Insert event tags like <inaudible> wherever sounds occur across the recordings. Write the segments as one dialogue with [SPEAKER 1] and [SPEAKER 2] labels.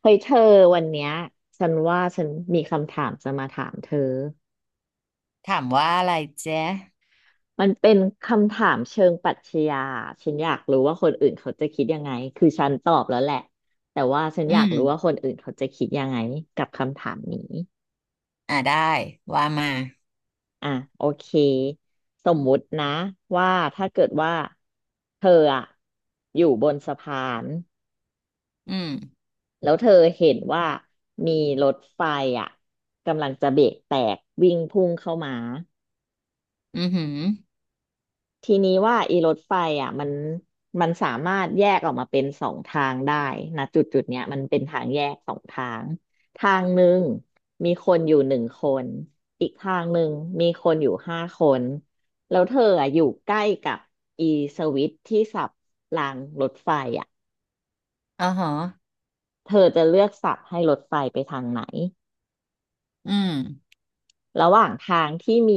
[SPEAKER 1] เฮ้ยเธอวันเนี้ยฉันว่าฉันมีคำถามจะมาถามเธอ
[SPEAKER 2] ถามว่าอะไรเจ๊
[SPEAKER 1] มันเป็นคำถามเชิงปรัชญาฉันอยากรู้ว่าคนอื่นเขาจะคิดยังไงคือฉันตอบแล้วแหละแต่ว่าฉัน
[SPEAKER 2] อื
[SPEAKER 1] อยาก
[SPEAKER 2] ม
[SPEAKER 1] รู้ว่าคนอื่นเขาจะคิดยังไงกับคำถามนี้
[SPEAKER 2] อ่าได้ ว่ามา
[SPEAKER 1] อ่ะโอเคสมมุตินะว่าถ้าเกิดว่าเธออะอยู่บนสะพาน
[SPEAKER 2] อืม
[SPEAKER 1] แล้วเธอเห็นว่ามีรถไฟอะกำลังจะเบรกแตกวิ่งพุ่งเข้ามา
[SPEAKER 2] อือหือ
[SPEAKER 1] ทีนี้ว่าอีรถไฟอ่ะมันสามารถแยกออกมาเป็นสองทางได้นะจุดจุดเนี้ยมันเป็นทางแยกสองทางทางหนึ่งมีคนอยู่หนึ่งคนอีกทางหนึ่งมีคนอยู่ห้าคนแล้วเธออ่ะอยู่ใกล้กับอีสวิตช์ที่สับรางรถไฟอ่ะ
[SPEAKER 2] อ๋อหอ
[SPEAKER 1] เธอจะเลือกสับให้รถไฟไปทางไหน
[SPEAKER 2] อืม
[SPEAKER 1] ระหว่างทางที่มี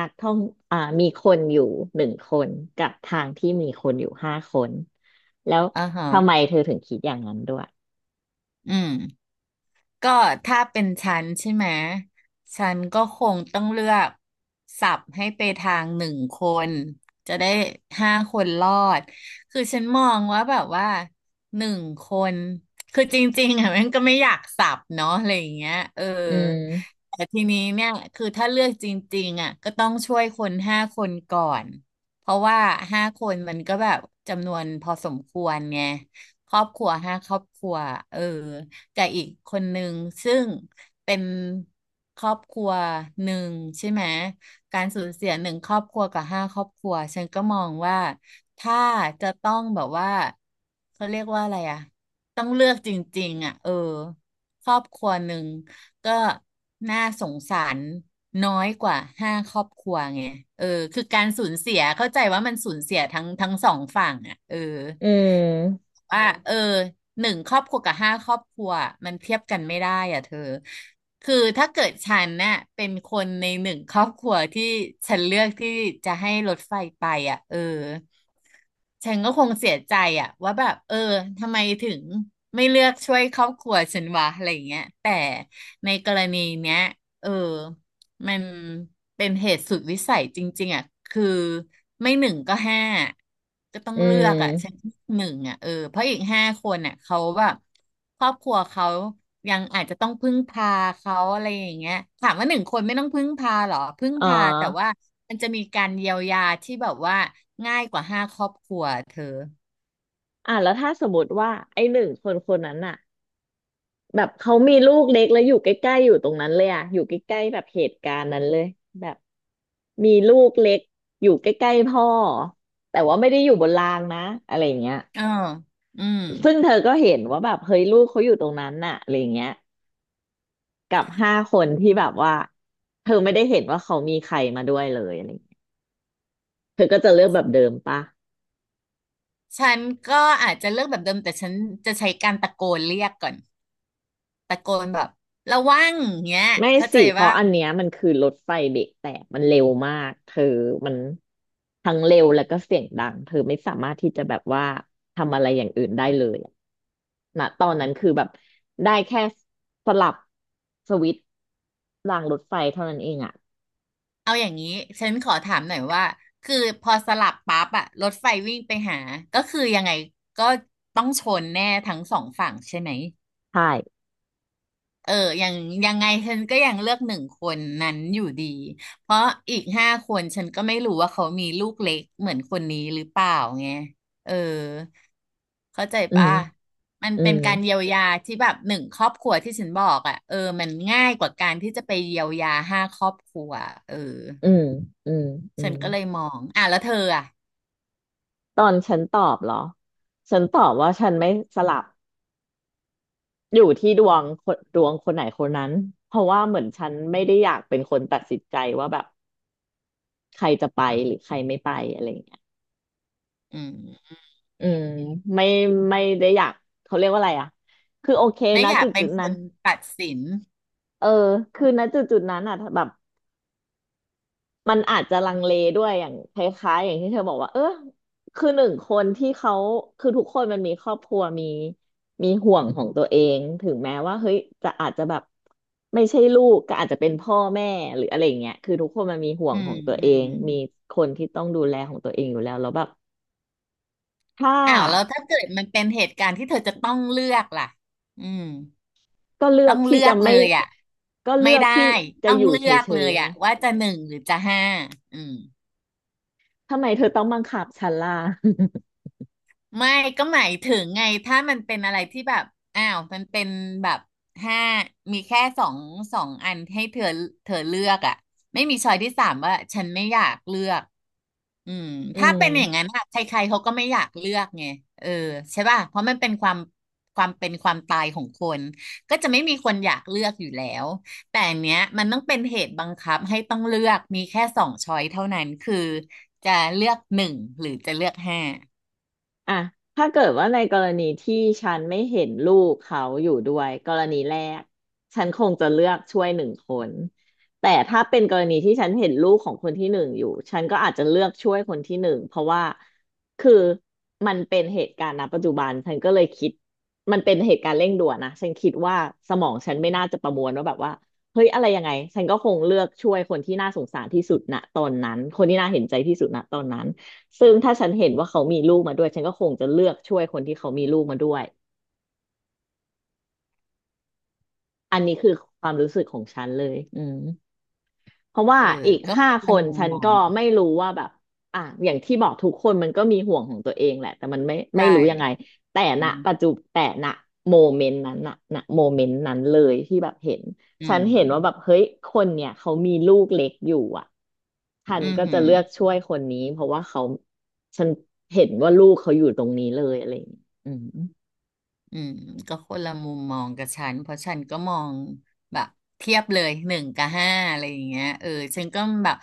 [SPEAKER 1] นักท่องมีคนอยู่หนึ่งคนกับทางที่มีคนอยู่ห้าคนแล้ว
[SPEAKER 2] อ๋อหอ
[SPEAKER 1] ทำไมเธอถึงคิดอย่างนั้นด้วย
[SPEAKER 2] อืม ก็ถ้าเป็นฉันใช่ไหมฉันก็คงต้องเลือกสับให้ไปทางหนึ่งคนจะได้ห้าคนรอดคือฉันมองว่าแบบว่าหนึ่งคนคือจริงๆอ่ะมันก็ไม่อยากสับเนาะอะไรอย่างเงี้ยเออ
[SPEAKER 1] อืม
[SPEAKER 2] แต่ทีนี้เนี่ยคือถ้าเลือกจริงๆอ่ะก็ต้องช่วยคนห้าคนก่อนเพราะว่าห้าคนมันก็แบบจำนวนพอสมควรไงครอบครัวห้าครอบครัวเออ กับอีกคนหนึ่งซึ่งเป็นครอบครัวหนึ่งใช่ไหมการสูญเสียหนึ่งครอบครัวกับห้าครอบครัวฉันก็มองว่าถ้าจะต้องแบบว่าเขาเรียกว่าอะไรอะต้องเลือกจริงๆอ่ะเออครอบครัวหนึ่งก็น่าสงสารน้อยกว่าห้าครอบครัวไงเออคือการสูญเสียเข้าใจว่ามันสูญเสียทั้งสองฝั่งอ่ะเออ
[SPEAKER 1] อืม
[SPEAKER 2] ว่าเออหนึ่งครอบครัวกับห้าครอบครัวมันเทียบกันไม่ได้อ่ะเธอคือถ้าเกิดฉันเนี่ยเป็นคนในหนึ่งครอบครัวที่ฉันเลือกที่จะให้รถไฟไปอ่ะเออฉันก็คงเสียใจอ่ะว่าแบบเออทำไมถึงไม่เลือกช่วยครอบครัวฉันวะอะไรอย่างเงี้ยแต่ในกรณีเนี้ยเออ มันเป็นเหตุสุดวิสัยจริงๆอ่ะคือไม่หนึ่งก็ห้าก็ต้อง
[SPEAKER 1] อื
[SPEAKER 2] เลือกอ่ะฉัน
[SPEAKER 1] ม
[SPEAKER 2] หนึ่งอ่ะเออเพราะอีกห้าคนอ่ะเขาแบบครอบครัวเขายังอาจจะต้องพึ่งพาเขาอะไรอย่างเงี้ยถามว่าหนึ่งคนไม่ต้องพึ่งพาหรอพึ่ง
[SPEAKER 1] อ๋อ
[SPEAKER 2] พาแต่ว่ามันจะมีการเยียวยาที่แบบว่าง่ายกว่าห้าครอบครัวเธอ
[SPEAKER 1] อ่ะแล้วถ้าสมมติว่าไอ้หนึ่งคนคนนั้นอะแบบเขามีลูกเล็กแล้วอยู่ใกล้ๆอยู่ตรงนั้นเลยอะอยู่ใกล้ๆแบบเหตุการณ์นั้นเลยแบบมีลูกเล็กอยู่ใกล้ๆพ่อแต่ว่าไม่ได้อยู่บนรางนะอะไรอย่างเงี้ย
[SPEAKER 2] เอออืม
[SPEAKER 1] ซึ่งเธอก็เห็นว่าแบบเฮ้ยลูกเขาอยู่ตรงนั้นน่ะอะไรอย่างเงี้ยกับห้าคนที่แบบว่าเธอไม่ได้เห็นว่าเขามีใครมาด้วยเลยอะไรอย่างเงี้ยเธอก็จะเลือกแบบเดิมปะ
[SPEAKER 2] ฉันก็อาจจะเลือกแบบเดิมแต่ฉันจะใช้การตะโกนเรียกก่อน ตะโกนแบบระวังเงี้ย
[SPEAKER 1] ไม่
[SPEAKER 2] เข้าใจ
[SPEAKER 1] สิเพ
[SPEAKER 2] ว่า
[SPEAKER 1] ราะอันเนี้ยมันคือรถไฟเบรกแตกมันเร็วมากเธอมันทั้งเร็วแล้วก็เสียงดังเธอไม่สามารถที่จะแบบว่าทำอะไรอย่างอื่นได้เลยอะณตอนนั้นคือแบบได้แค่สลับสวิตช์รางรถไฟเท่านั้นเองอ่ะ
[SPEAKER 2] เอาอย่างนี้ฉันขอถามหน่อยว่าคือพอสลับปั๊บอะรถไฟวิ่งไปหาก็คือยังไงก็ต้องชนแน่ทั้งสองฝั่งใช่ไหม
[SPEAKER 1] ใช่
[SPEAKER 2] เออ ยังยังไงฉันก็ยังเลือกหนึ่งคนนั้นอยู่ดี เพราะอีกห้าคนฉันก็ไม่รู้ว่าเขามีลูกเล็กเหมือนคนนี้หรือเปล่าไงเออเข้าใจ
[SPEAKER 1] อื
[SPEAKER 2] ป่ะ
[SPEAKER 1] ม
[SPEAKER 2] มัน
[SPEAKER 1] อื
[SPEAKER 2] เป็น
[SPEAKER 1] ม
[SPEAKER 2] การเยียวยาที่แบบหนึ่งครอบครัวที่ฉันบอกอ่ะเออมันง่ายกว่าการที่จะไปเยียวยาห้าครอบครัวเออ
[SPEAKER 1] อืมอืมอื
[SPEAKER 2] ฉัน
[SPEAKER 1] ม
[SPEAKER 2] ก็เลยมอง อ่ะแล้วเธออ่ะ
[SPEAKER 1] ตอนฉันตอบเหรอฉันตอบว่าฉันไม่สลับอยู่ที่ดวงคนดวงคนไหนคนนั้นเพราะว่าเหมือนฉันไม่ได้อยากเป็นคนตัดสินใจว่าแบบใครจะไปหรือใครไม่ไปอะไรอย่างเงี้ย
[SPEAKER 2] อืม
[SPEAKER 1] อืมไม่ไม่ได้อยากเขาเรียกว่าอะไรอ่ะคือโอเค
[SPEAKER 2] ไม่
[SPEAKER 1] นะ
[SPEAKER 2] อยาก
[SPEAKER 1] จุด
[SPEAKER 2] เป็
[SPEAKER 1] จุ
[SPEAKER 2] น
[SPEAKER 1] ด
[SPEAKER 2] ค
[SPEAKER 1] นั้น
[SPEAKER 2] นตัดสิน
[SPEAKER 1] เออคือณจุดจุดนั้นอ่ะแบบ มันอาจจะลังเลด้วยอย่างคล้ายๆอย่างที่เธอบอกว่าเออคือหนึ่งคนที่เขาคือทุกคนมันมีครอบครัวมีห่วงของตัวเองถึงแม้ว่าเฮ้ยจะอาจจะแบบไม่ใช่ลูกก็อาจจะเป็นพ่อแม่หรืออะไรอย่างเงี้ยคือทุกคนมันมีห่ว
[SPEAKER 2] อื
[SPEAKER 1] งข
[SPEAKER 2] ม
[SPEAKER 1] องตัว
[SPEAKER 2] อื
[SPEAKER 1] เอง
[SPEAKER 2] ม
[SPEAKER 1] มีคนที่ต้องดูแลของตัวเองอยู่แล้วแล้วแบบถ้า
[SPEAKER 2] อ้าวแล้วถ้าเกิดมันเป็นเหตุการณ์ที่เธอจะต้องเลือกล่ะอืม
[SPEAKER 1] ก็เลือ
[SPEAKER 2] ต้อ
[SPEAKER 1] ก
[SPEAKER 2] ง
[SPEAKER 1] ที่
[SPEAKER 2] เลือ
[SPEAKER 1] จะ
[SPEAKER 2] กเล
[SPEAKER 1] ไม่
[SPEAKER 2] ยอ่ะ
[SPEAKER 1] ก็เลื
[SPEAKER 2] ไม่
[SPEAKER 1] อก
[SPEAKER 2] ได้
[SPEAKER 1] ที่จะ
[SPEAKER 2] ต้อง
[SPEAKER 1] อยู่
[SPEAKER 2] เลื
[SPEAKER 1] เฉ
[SPEAKER 2] อกเล
[SPEAKER 1] ย
[SPEAKER 2] ย
[SPEAKER 1] ๆไง
[SPEAKER 2] อ่ะว่าจะหนึ่งหรือจะห้าอืม
[SPEAKER 1] ทำไมเธอต้องบังคับฉันล่ะ
[SPEAKER 2] ไม่ก็หมายถึงไงถ้ามันเป็นอะไรที่แบบอ้าวมันเป็นแบบห้ามีแค่สองอันให้เธอเธอเลือกอ่ะไม่มีช้อยที่สามว่าฉันไม่อยากเลือกอืม
[SPEAKER 1] <laughs> อื
[SPEAKER 2] ถ้า
[SPEAKER 1] ม
[SPEAKER 2] เป็นอย่างนั้นอะใครๆเขาก็ไม่อยากเลือกไงเออใช่ป่ะเพราะมันเป็นความเป็นความตายของคนก็จะไม่มีคนอยากเลือกอยู่แล้วแต่อันเนี้ยมันต้องเป็นเหตุบังคับให้ต้องเลือกมีแค่สองช้อยเท่านั้นคือจะเลือกหนึ่งหรือจะเลือกห้า
[SPEAKER 1] อ่ะถ้าเกิดว่าในกรณีที่ฉันไม่เห็นลูกเขาอยู่ด้วยกรณีแรกฉันคงจะเลือกช่วยหนึ่งคนแต่ถ้าเป็นกรณีที่ฉันเห็นลูกของคนที่หนึ่งอยู่ ฉันก็อาจจะเลือกช่วยคนที่หนึ่ง เพราะว่าคือมันเป็นเหตุการณ์ณปัจจุบันฉันก็เลยคิดมันเป็นเหตุการณ์เร่งด่วนนะฉันคิดว่าสมองฉันไม่น่าจะประมวลว่าแบบว่าเฮ้ยอะไรยังไงฉันก็คงเลือกช่วยคนที่น่าสงสารที่สุดณตอนนั้นคนที่น่าเห็นใจที่สุดณตอนนั้น ซึ่งถ้าฉันเห็นว่าเขามีลูกมาด้วยฉันก็คงจะเลือกช่วยคนที่เขามีลูกมาด้วยอันนี้คือความรู้สึกของฉันเลยอืม เพราะว่า
[SPEAKER 2] เออ
[SPEAKER 1] อีก
[SPEAKER 2] ก็ค
[SPEAKER 1] ห้า
[SPEAKER 2] น
[SPEAKER 1] ค
[SPEAKER 2] ละ
[SPEAKER 1] น
[SPEAKER 2] มุม
[SPEAKER 1] ฉัน
[SPEAKER 2] มอ
[SPEAKER 1] ก็
[SPEAKER 2] ง
[SPEAKER 1] ไม่รู้ว่าแบบอ่ะอย่างที่บอกทุกคนมันก็มีห่วงของตัวเองแหละแต่มันไม่
[SPEAKER 2] ใช่
[SPEAKER 1] รู้ยังไงแต่
[SPEAKER 2] อื
[SPEAKER 1] ณปัจ
[SPEAKER 2] ม
[SPEAKER 1] จุแต่ณโมเมนต์นั้นน่ะณโมเมนต์นั้นเลยที่แบบเห็น
[SPEAKER 2] อื
[SPEAKER 1] ฉั
[SPEAKER 2] ม
[SPEAKER 1] นเห็นว่าแบบเฮ้ยคนเนี่ยเขามีลูกเล็กอยู่อ่ะฉั
[SPEAKER 2] อื
[SPEAKER 1] นก็จะเลือก
[SPEAKER 2] ม
[SPEAKER 1] ช่วยคนนี้เพราะว่าเขาฉันเห็นว่าลูกเขาอยู่ตรงนี้เลยอะไรอย่างเงี้ยอืม
[SPEAKER 2] อืมก็คนละมุมมองกับฉันเพราะฉันก็มองแบบเทียบเลยหนึ่งกับห้าอะไรอย่างเงี้ยเออฉันก็แบบ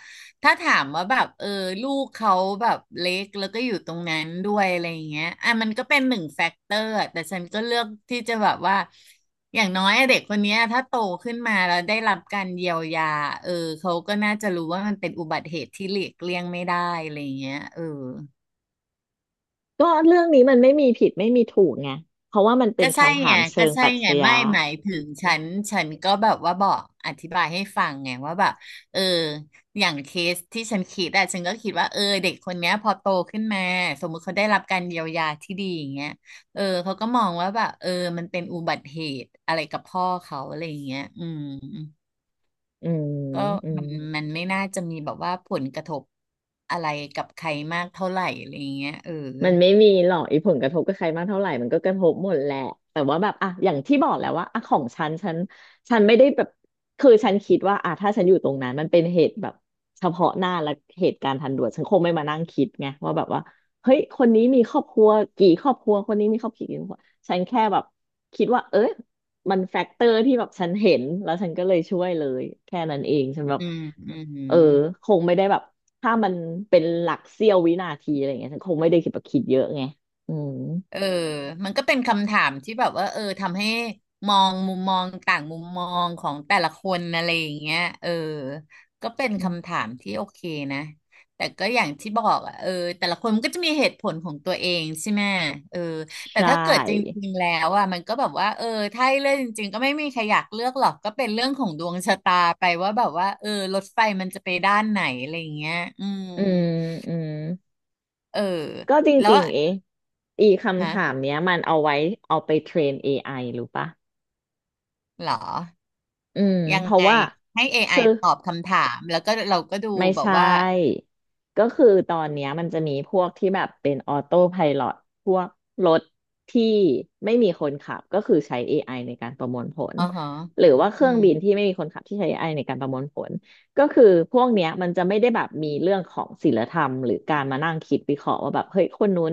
[SPEAKER 2] ถ้าถามว่าแบบเออลูกเขาแบบเล็กแล้วก็อยู่ตรงนั้นด้วยอะไรอย่างเงี้ยอ่ะมันก็เป็นหนึ่งแฟกเตอร์แต่ฉันก็เลือกที่จะแบบว่าอย่างน้อยอะเด็กคนเนี้ยถ้าโตขึ้นมาแล้วได้รับการเยียวยาเออเขาก็น่าจะรู้ว่ามันเป็นอุบัติเหตุที่หลีกเลี่ยงไม่ได้อะไรอย่างเงี้ยเออ
[SPEAKER 1] ก็เรื่องนี้มันไม่มีผิดไม่มีถูกไงเพราะว่ามันเป็
[SPEAKER 2] ก็
[SPEAKER 1] น
[SPEAKER 2] ใช่
[SPEAKER 1] คำถา
[SPEAKER 2] ไง
[SPEAKER 1] มเชิ
[SPEAKER 2] ก็
[SPEAKER 1] ง
[SPEAKER 2] ใช่
[SPEAKER 1] ปรัช
[SPEAKER 2] ไง
[SPEAKER 1] ญา
[SPEAKER 2] ไม่หมายถึงฉันฉันก็แบบว่าบอกอธิบายให้ฟังไงว่าแบบเอออย่างเคสที่ฉันคิดอะฉันก็คิดว่าเออเด็กคนเนี้ยพอโตขึ้นมาสมมุติเขาได้รับการเยียวยาที่ดีอย่างเงี้ยเออเขาก็มองว่าแบบเออมันเป็นอุบัติเหตุอะไรกับพ่อเขาอะไรอย่างเงี้ยอืม
[SPEAKER 1] อืม
[SPEAKER 2] ก็
[SPEAKER 1] อื
[SPEAKER 2] มั
[SPEAKER 1] ม
[SPEAKER 2] นมันไม่น่าจะมีแบบว่าผลกระทบอะไรกับใครมากเท่าไหร่อะไรอย่างเงี้ยเออ
[SPEAKER 1] มันไม่มีหรอกไอ้ผลกระทบกับใครมากเท่าไหร่มันก็กระทบหมดแหละแต่ว่าแบบอ่ะอย่างที่บอกแหล้วว่าอ่ะของฉันฉันไม่ได้แบบคือฉันคิดว่าอ่ะถ้าฉันอยู่ตรงนั้นมันเป็นเหตุแบบเฉพาะหน้าและเหตุการณ์ทันด่วนฉันคงไม่มานั่งคิดไงว่าแบบว่าเฮ้ยคนนี้มีครอบครัวกี่ครอบครัวคนนี้มีครอบครัวกี่ครอบครัวฉันแค่แบบคิดว่าเอ้ยมันแฟกเตอร์ที่แบบฉันเห็นแล้วฉันก็เลยช่วยเลยแค่นั้นเองฉันแบบ
[SPEAKER 2] อืมอื
[SPEAKER 1] เออ
[SPEAKER 2] ม
[SPEAKER 1] คงไม่ได้แบบ ถ้ามันเป็นหลักเสี้ยววินาทีอะไรเงี้ยฉันคงไม่ได้คิดแบบคิดเยอะไงอืม
[SPEAKER 2] เออมันก็เป็นคำถามที่แบบว่าเออทำให้มองมุมมองต่างมุมมองของแต่ละคนอะไรอย่างเงี้ยเออก็เป็นคำ
[SPEAKER 1] อ
[SPEAKER 2] ถามที่โอเคนะแต่ก็อย่างที่บอกอ่ะเออแต่ละคนมันก็จะมีเหตุผลของตัวเองใช่ไหมเออแต่
[SPEAKER 1] ใช
[SPEAKER 2] ถ้าเกิดจ
[SPEAKER 1] ่
[SPEAKER 2] ริงๆแล้วอ่ะมันก็แบบว่าเออถ้าให้เลือกจริงๆก็ไม่มีใครอยากเลือกหรอกก็เป็นเรื่องของดวงชะตาไปว่าแบบว่าเออรถไฟมันจะไปด้านไหนอะไรอย่างเงี้ยอืม
[SPEAKER 1] อืมอืม
[SPEAKER 2] เออ
[SPEAKER 1] ก็จ
[SPEAKER 2] แล้ว
[SPEAKER 1] ริงๆเอะอีคำ
[SPEAKER 2] ฮะ
[SPEAKER 1] ถามเนี้ยมันเอาไว้เอาไปเทรน AI รู้ปะ
[SPEAKER 2] เหรอ
[SPEAKER 1] อืม
[SPEAKER 2] ยัง
[SPEAKER 1] เพราะ
[SPEAKER 2] ไง
[SPEAKER 1] ว่า
[SPEAKER 2] ให้ AI
[SPEAKER 1] คือ
[SPEAKER 2] ตอบคำถามแล้วก็เราก็ดู
[SPEAKER 1] ไม่
[SPEAKER 2] แบบ
[SPEAKER 1] ใช่
[SPEAKER 2] ว่า
[SPEAKER 1] ก็คือตอนเนี้ยมันจะมีพวกที่แบบเป็นออโต้ไพลอตพวกรถที่ไม่มีคนขับก็คือใช้ AI ในการประมวลผล
[SPEAKER 2] อ๋อฮะ
[SPEAKER 1] หรือว่าเค
[SPEAKER 2] อื
[SPEAKER 1] รื่อง
[SPEAKER 2] ม
[SPEAKER 1] บินที่ไม่มีคนขับที่ใช้ AI ในการประมวลผลก็คือพวกเนี้ยมันจะไม่ได้แบบมีเรื่องของศีลธรรมหรือการมานั่งคิดวิเคราะห์ว่าแบบเฮ้ยคนนู้น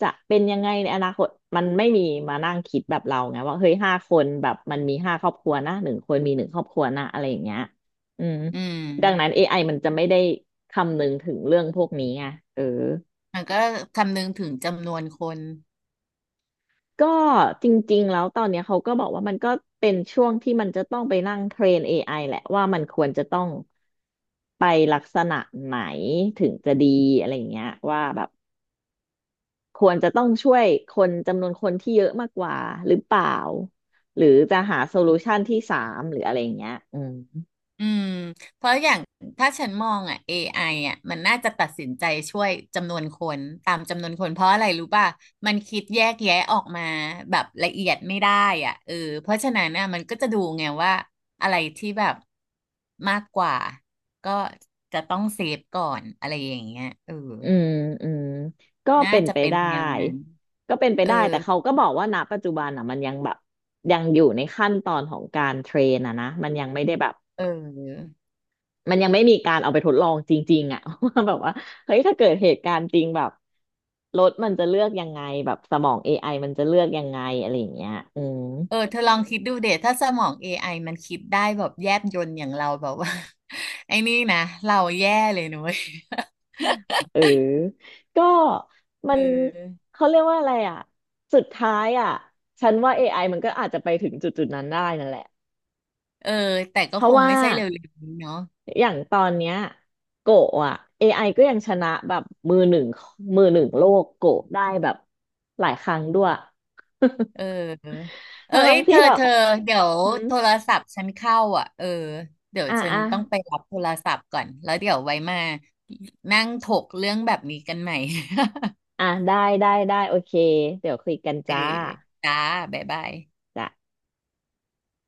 [SPEAKER 1] จะเป็นยังไงในอนาคตมันไม่มีมานั่งคิดแบบเราไงว่าเฮ้ย5 คนแบบมันมี5 ครอบครัวนะ1 คนมี1 ครอบครัวนะอะไรอย่างเงี้ยอืม
[SPEAKER 2] อืม
[SPEAKER 1] ดังนั้น AI มันจะไม่ได้คำนึงถึงเรื่องพวกนี้ไงเออ
[SPEAKER 2] มันก็คำนึงถึงจำนวนคน
[SPEAKER 1] ก็จริงๆแล้วตอนเนี้ยเขาก็บอกว่ามันก็เป็นช่วงที่มันจะต้องไปนั่งเทรน AI แหละว่ามันควรจะต้องไปลักษณะไหนถึงจะดีอะไรอย่างเงี้ยว่าแบบควรจะต้องช่วยคนจำนวนคนที่เยอะมากกว่าหรือเปล่าหรือจะหาโซลูชันที่สามหรืออะไรอย่างเงี้ยอืม
[SPEAKER 2] อืมเพราะอย่างถ้าฉันมองอ่ะ AI อไออ่ะมันน่าจะตัดสินใจช่วยจำนวนคนตามจำนวนคนเพราะอะไรรู้ป่ะมันคิดแยกแยะออกมาแบบละเอียดไม่ได้อ่ะเออเพราะฉะนั้นน่ะมันก็จะดูไงว่าอะไรที่แบบมากกว่าก็จะต้องเซฟก่อนอะไรอย่างเงี้ยเออ
[SPEAKER 1] อืมอืมก็
[SPEAKER 2] น่า
[SPEAKER 1] เป็น
[SPEAKER 2] จะ
[SPEAKER 1] ไป
[SPEAKER 2] เป็น
[SPEAKER 1] ได้
[SPEAKER 2] แนวนั้น
[SPEAKER 1] ก็เป็นไป
[SPEAKER 2] เออ
[SPEAKER 1] ได้แต่เขาก็บอกว่าณปัจจุบันอ่ะมันยังแบบยังอยู่ในขั้นตอนของการเทรนอ่ะนะมันยังไม่ได้แบบ
[SPEAKER 2] เออ
[SPEAKER 1] มันยังไม่มีการเอาไปทดลองจริงๆอ่ะ <laughs> ว่าแบบว่าเฮ้ยถ้าเกิดเหตุการณ์จริงแบบรถมันจะเลือกยังไงแบบสมองเอไอมันจะเลือกยังไงอะไรอย่างเงี้ยอืม
[SPEAKER 2] เออเธอลองคิดดูเดถ้าสมอง AI มันคิดได้แบบแยบยลอย่างเราแบบว่า <laughs> ไอ้นี่นะเราแย่เลยนุ้ย <laughs>
[SPEAKER 1] เออก็
[SPEAKER 2] เ
[SPEAKER 1] มัน
[SPEAKER 2] ออ
[SPEAKER 1] เขาเรียกว่าอะไรอ่ะสุดท้ายอ่ะฉันว่า AI มันก็อาจจะไปถึงจุดๆนั้นได้นั่นแหละ
[SPEAKER 2] เออแต่ก็
[SPEAKER 1] เพ
[SPEAKER 2] ค
[SPEAKER 1] ราะ
[SPEAKER 2] ง
[SPEAKER 1] ว่า
[SPEAKER 2] ไม่ใช่เร็วๆนี้เนาะ
[SPEAKER 1] อย่างตอนเนี้ยโกะอ่ะ AI ก็ยังชนะแบบมือหนึ่งมือหนึ่งโลกโกะได้แบบหลายครั้งด้วย <laughs>
[SPEAKER 2] เออเออเอ้
[SPEAKER 1] ทั้ง
[SPEAKER 2] ย
[SPEAKER 1] ทั้ง
[SPEAKER 2] เธ
[SPEAKER 1] ที่
[SPEAKER 2] อ
[SPEAKER 1] แบบ
[SPEAKER 2] เธอเดี๋ยว
[SPEAKER 1] หืม
[SPEAKER 2] โทรศัพท์ฉันเข้าอ่ะเออเดี๋ยว
[SPEAKER 1] อ่ะ
[SPEAKER 2] ฉัน
[SPEAKER 1] อ่ะ
[SPEAKER 2] ต้องไปรับโทรศัพท์ก่อน แล้วเดี๋ยวไว้มานั่งถกเรื่องแบบนี้กันใหม่
[SPEAKER 1] อ่ะได้ ได้ ได้ โอเค เดี๋ยวคุยกัน
[SPEAKER 2] <laughs> เออ
[SPEAKER 1] จ้า
[SPEAKER 2] จ้าบ๊ายบาย
[SPEAKER 1] จ้ะ